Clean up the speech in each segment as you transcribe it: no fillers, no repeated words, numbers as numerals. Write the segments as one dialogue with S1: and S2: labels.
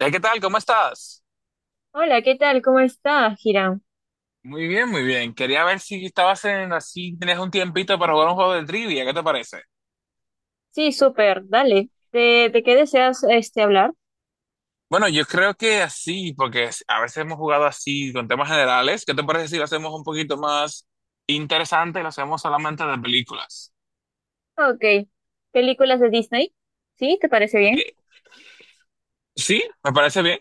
S1: ¿Qué tal? ¿Cómo estás?
S2: Hola, ¿qué tal? ¿Cómo está, Hiram?
S1: Muy bien, muy bien. Quería ver si estabas en así, tenías un tiempito para jugar un juego de trivia. ¿Qué te parece?
S2: Sí, súper, dale. ¿De qué deseas hablar?
S1: Bueno, yo creo que así, porque a veces hemos jugado así con temas generales. ¿Qué te parece si lo hacemos un poquito más interesante y lo hacemos solamente de películas?
S2: Ok. ¿Películas de Disney? ¿Sí? ¿Te parece bien?
S1: Sí, me parece bien.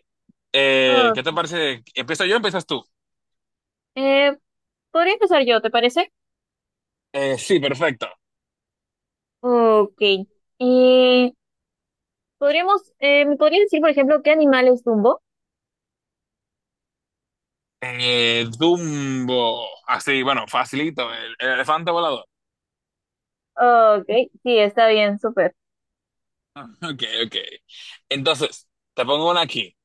S1: ¿Qué te
S2: Ok.
S1: parece? ¿Empiezo yo o empiezas tú?
S2: Eh, Podría empezar yo, ¿te parece?
S1: Sí, perfecto.
S2: Ok. Eh, Podríamos, ¿me podrías decir, por ejemplo, qué animal es Dumbo?
S1: Dumbo. Así, bueno, facilito. El elefante volador.
S2: Ok, sí, está bien, súper.
S1: Ok, ok. Entonces, te pongo una aquí.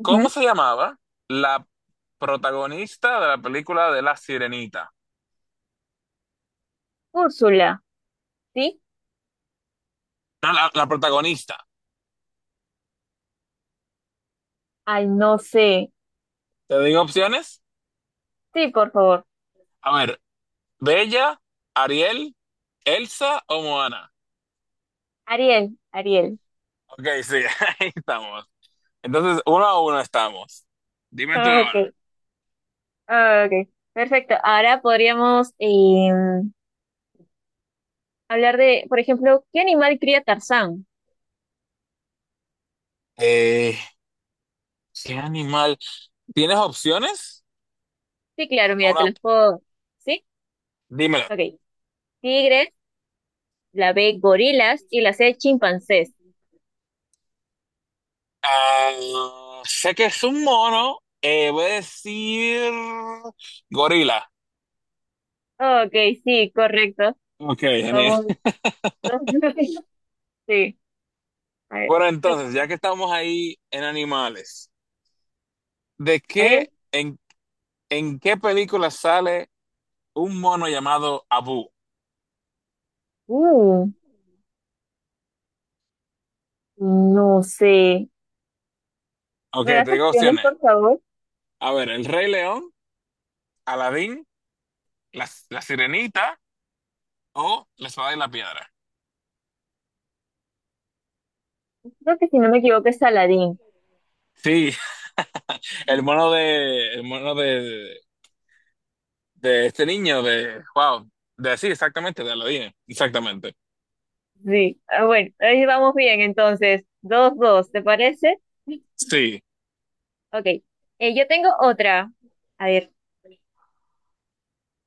S1: ¿Cómo se llamaba la protagonista de la película de La Sirenita?
S2: Úrsula, ¿sí?
S1: No, la protagonista.
S2: Ay, no sé.
S1: ¿Te digo opciones?
S2: Sí, por favor.
S1: A ver, ¿Bella, Ariel, Elsa o Moana?
S2: Ariel, Ariel.
S1: Ok, sí, ahí estamos. Entonces, 1-1 estamos. Dime tú
S2: Ok,
S1: ahora.
S2: ok. Perfecto. Ahora podríamos. Hablar de, por ejemplo, ¿qué animal cría Tarzán?
S1: Eh, ¿Qué animal? ¿Tienes opciones?
S2: Sí, claro, mira, te
S1: Una,
S2: los puedo. ¿Sí?
S1: dímelo.
S2: Ok. Tigres, la B, gorilas y la C, chimpancés.
S1: Ah, sé que es un mono. Voy a decir gorila.
S2: Ok, sí, correcto.
S1: Ok, genial.
S2: Vamos. Sí. A ver.
S1: Bueno,
S2: ¿Qué
S1: entonces, ya
S2: toca?
S1: que estamos ahí en animales, ¿de
S2: A ver.
S1: qué, en, en qué película sale un mono llamado Abu?
S2: Uh, no sé.
S1: Ok,
S2: ¿Me das
S1: te digo
S2: opciones,
S1: opciones.
S2: por favor?
S1: A ver, El Rey León, Aladín, la Sirenita o La Espada y la Piedra.
S2: Creo que si no me equivoco es Aladín.
S1: Sí, el mono de, el mono de, de este niño de, wow, de sí, exactamente, de Aladín, exactamente.
S2: Sí. Ah, bueno, ahí vamos bien, entonces. Dos, dos, ¿te parece?
S1: Sí,
S2: Ok. Yo tengo otra. A ver.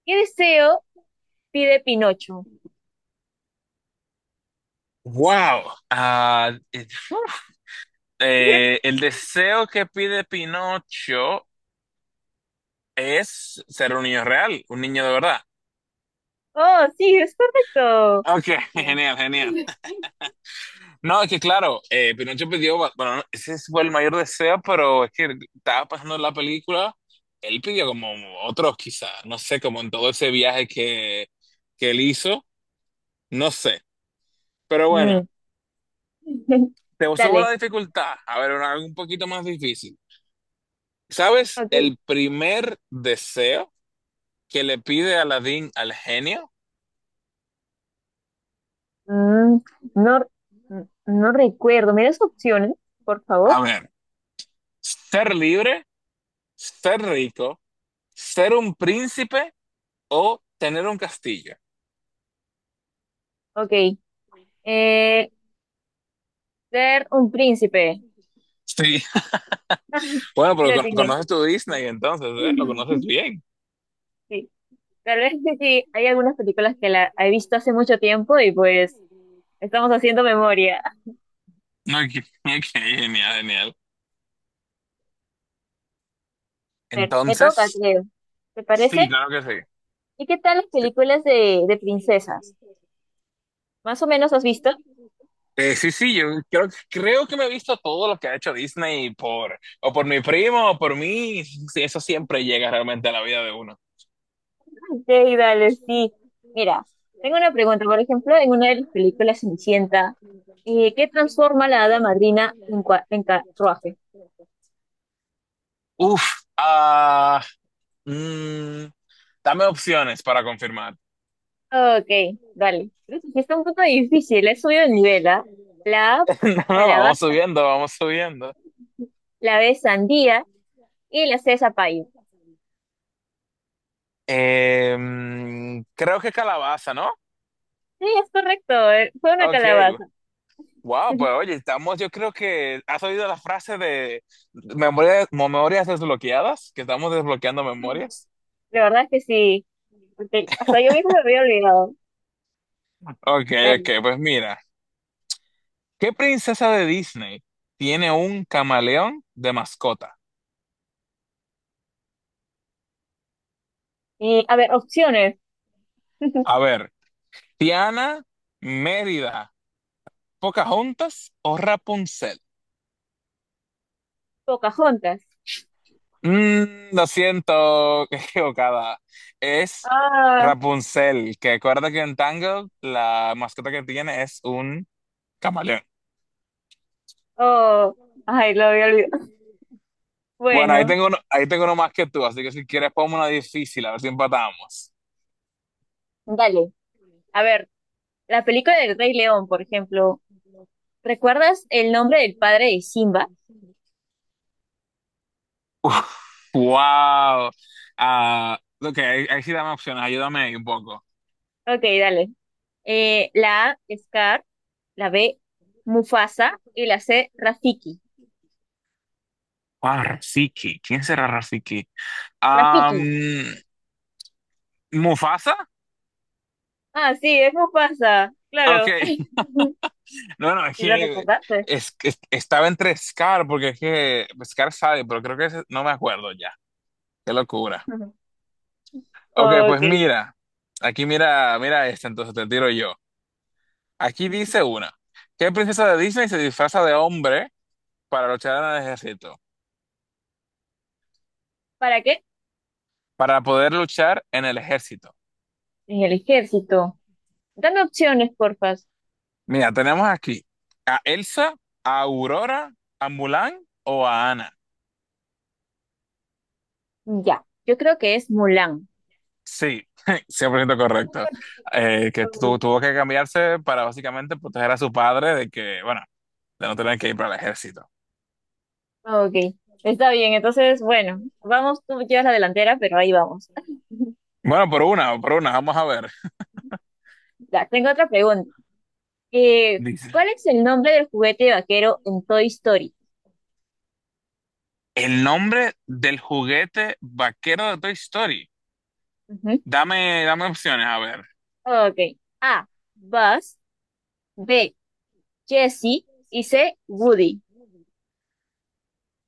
S2: ¿Qué deseo pide Pinocho?
S1: wow. Ah, uf. El deseo que pide Pinocho es ser un niño real, un niño de verdad.
S2: Oh, sí, es correcto.
S1: Ok,
S2: Oh.
S1: genial, genial. No, es que claro, Pinocho pidió, bueno, no, ese fue el mayor deseo, pero es que estaba pasando la película, él pidió como otros quizás, no sé, como en todo ese viaje que él hizo, no sé. Pero bueno,
S2: Mm,
S1: te subo
S2: Dale.
S1: la dificultad, a ver, algo un poquito más difícil. ¿Sabes
S2: Ok.
S1: el primer deseo que le pide Aladín al genio?
S2: mm, no, mm, no recuerdo. ¿Me das opciones, por favor?
S1: A ver, ser libre, ser rico, ¿ser un príncipe o tener un castillo?
S2: Ok. Eh, Ser un príncipe.
S1: Sí. Bueno, pero
S2: Lo tiene.
S1: conoces tu Disney entonces, ¿eh? Lo conoces bien.
S2: Sí. Tal vez que sí, hay algunas películas que la he visto hace mucho tiempo y pues estamos haciendo memoria.
S1: Ok, ok, genial, genial.
S2: A ver, me toca,
S1: Entonces,
S2: creo. ¿Te
S1: sí,
S2: parece?
S1: claro que sí.
S2: ¿Y qué tal las películas de princesas? Más o menos has visto.
S1: Sí, sí, yo creo que me he visto todo lo que ha hecho Disney por, o por mi primo o por mí. Sí, eso siempre llega realmente a la vida de uno.
S2: Ok, dale, sí. Mira, tengo una pregunta. Por ejemplo, en una de las películas Cenicienta, ¿qué transforma la hada madrina en, en carruaje?
S1: Uf, ah, mm, dame opciones para confirmar.
S2: Ok, dale. Creo que sí está un poco difícil. He subido el nivel, ¿ah? La A,
S1: No, no, vamos
S2: calabaza,
S1: subiendo, vamos subiendo.
S2: la B, sandía y la C, zapallo.
S1: Creo que calabaza, ¿no?
S2: Sí, es correcto. Fue una
S1: Ok,
S2: calabaza.
S1: wow, pues oye, estamos, yo creo que has oído la frase de memorias, memorias desbloqueadas, que estamos desbloqueando memorias.
S2: La verdad es que sí, porque hasta yo mismo me había olvidado.
S1: Ok, ok,
S2: Dale.
S1: pues mira, ¿qué princesa de Disney tiene un camaleón de mascota?
S2: Y, a ver, opciones.
S1: A ver, ¿Tiana, Mérida, Pocahontas o Rapunzel?
S2: Pocahontas.
S1: Lo siento, qué equivocada. Es
S2: Ah,
S1: Rapunzel, que recuerda que en Tangled la mascota que tiene es un camaleón.
S2: oh, ay, lo había olvidado.
S1: Bueno,
S2: Bueno,
S1: ahí tengo uno más que tú, así que si quieres ponme una difícil, a ver si empatamos.
S2: dale. A ver, la película del Rey León, por ejemplo, ¿recuerdas el nombre del padre de Simba?
S1: Wow. Ah, ok, ahí sí dame opciones, ayúdame ahí un poco.
S2: Ok, dale. La A, Scar, la B, Mufasa y la C, Rafiki.
S1: Wow, Rafiki, ¿quién será Rafiki? Am,
S2: Rafiki.
S1: ¿Mufasa?
S2: Ah, sí, es Mufasa,
S1: Ok,
S2: claro.
S1: No, no, es
S2: ¿Sí lo
S1: que,
S2: recordaste?
S1: es que estaba entre Scar, porque es que Scar sabe, pero creo que no me acuerdo ya. Qué locura.
S2: Ujú.
S1: Ok, pues
S2: Ok.
S1: mira, aquí mira esta, entonces te tiro yo. Aquí dice
S2: Ujú.
S1: una. ¿Qué princesa de Disney se disfraza de hombre para luchar en el ejército?
S2: ¿Para qué?
S1: Para poder luchar en el ejército.
S2: En el ejército. Dame opciones, porfas.
S1: Mira, tenemos aquí a Elsa, a Aurora, a Mulan o a Ana.
S2: Ya, yo creo que es Mulan.
S1: Sí, 100% correcto. Que tuvo que cambiarse para básicamente proteger a su padre de que, bueno, de no tener que ir para el ejército.
S2: Ok, está bien. Entonces, bueno, vamos, tú llevas la delantera, pero ahí vamos.
S1: Bueno, por una, vamos a ver.
S2: Ya, tengo otra pregunta.
S1: Dice,
S2: ¿Cuál es el nombre del juguete vaquero en Toy Story?
S1: el nombre del juguete vaquero de Toy Story.
S2: Ujú.
S1: Dame opciones, a ver.
S2: Ok. A, Buzz. B, Jessie. Y C, Woody.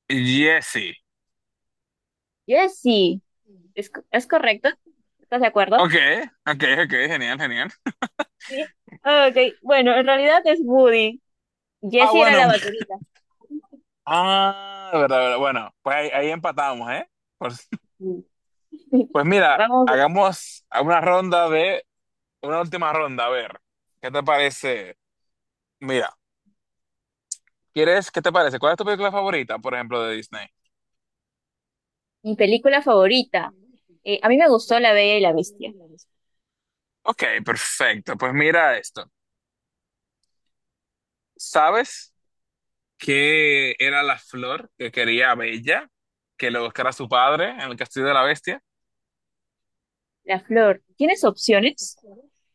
S1: Jesse.
S2: Jessie. ¿Es, es correcto? ¿Estás de acuerdo?
S1: Ok, ok, ok, genial, genial.
S2: Sí. Ok. Bueno, en realidad es Woody.
S1: Ah,
S2: Jessie era
S1: bueno.
S2: la vaquerita.
S1: Ah, verdad, verdad. Bueno, pues ahí empatamos, ¿eh? Pues, pues mira,
S2: Vamos.
S1: hagamos una última ronda, a ver, ¿qué te parece? Mira, ¿qué te parece? ¿Cuál es tu película favorita, por ejemplo, de Disney?
S2: Mi película favorita. A mí me gustó La Bella y la Bestia.
S1: Ok, perfecto. Pues mira esto. ¿Sabes qué era la flor que quería Bella que lo buscara su padre en el Castillo de la Bestia?
S2: La flor. ¿Tienes opciones?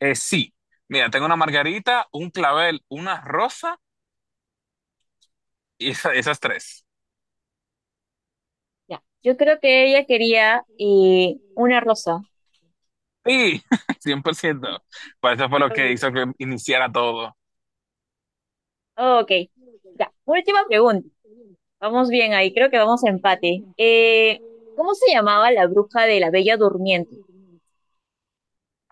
S1: Sí. Mira, tengo una margarita, un clavel, una rosa y esas tres.
S2: Ya. Yo creo que ella quería una rosa.
S1: Sí, cien por ciento. Pues eso fue lo que
S2: Oh,
S1: hizo que iniciara todo.
S2: ok. Ya. Última pregunta. Vamos bien ahí. Creo que vamos a empate. ¿Cómo se llamaba la bruja de la Bella Durmiente?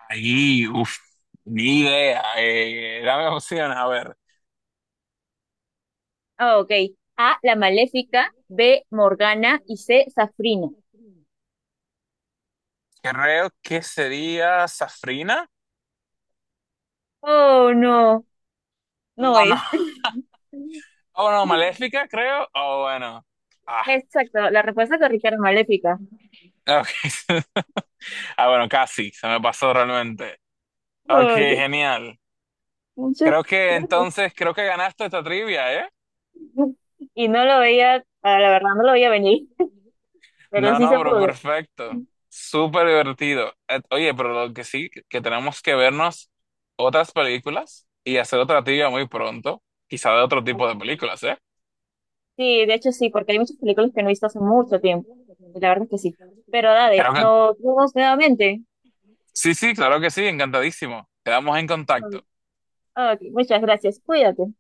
S1: Ahí, uff, ni idea. Dame opciones, a ver.
S2: Ah, ok. A, la Maléfica. B, Morgana. Y C, Safrina.
S1: Creo que sería Safrina.
S2: Oh, no. No
S1: No, no.
S2: es.
S1: Oh, no, Maléfica, creo. Oh, bueno. Ah,
S2: Exacto. La respuesta correcta era Maléfica.
S1: ok. Ah, bueno, casi. Se me pasó realmente. Ok,
S2: Oh, ok.
S1: genial.
S2: Muchas
S1: Creo que
S2: gracias.
S1: entonces, creo que ganaste esta trivia, ¿eh?
S2: Y no lo veía, ah, la verdad, no lo veía venir, pero
S1: No,
S2: sí
S1: no,
S2: se
S1: pero
S2: pudo.
S1: perfecto. Súper divertido. Oye, pero lo que sí, que tenemos que vernos otras películas y hacer otra trivia muy pronto. Quizá de otro tipo de películas, ¿eh?
S2: Sí, de hecho sí, porque hay muchas películas que no he visto hace mucho tiempo. Y la verdad es que sí. Pero dale,
S1: Creo que
S2: nos vemos nuevamente.
S1: sí, sí, claro que sí. Encantadísimo. Quedamos en contacto.
S2: Ah, ok, muchas gracias. Cuídate.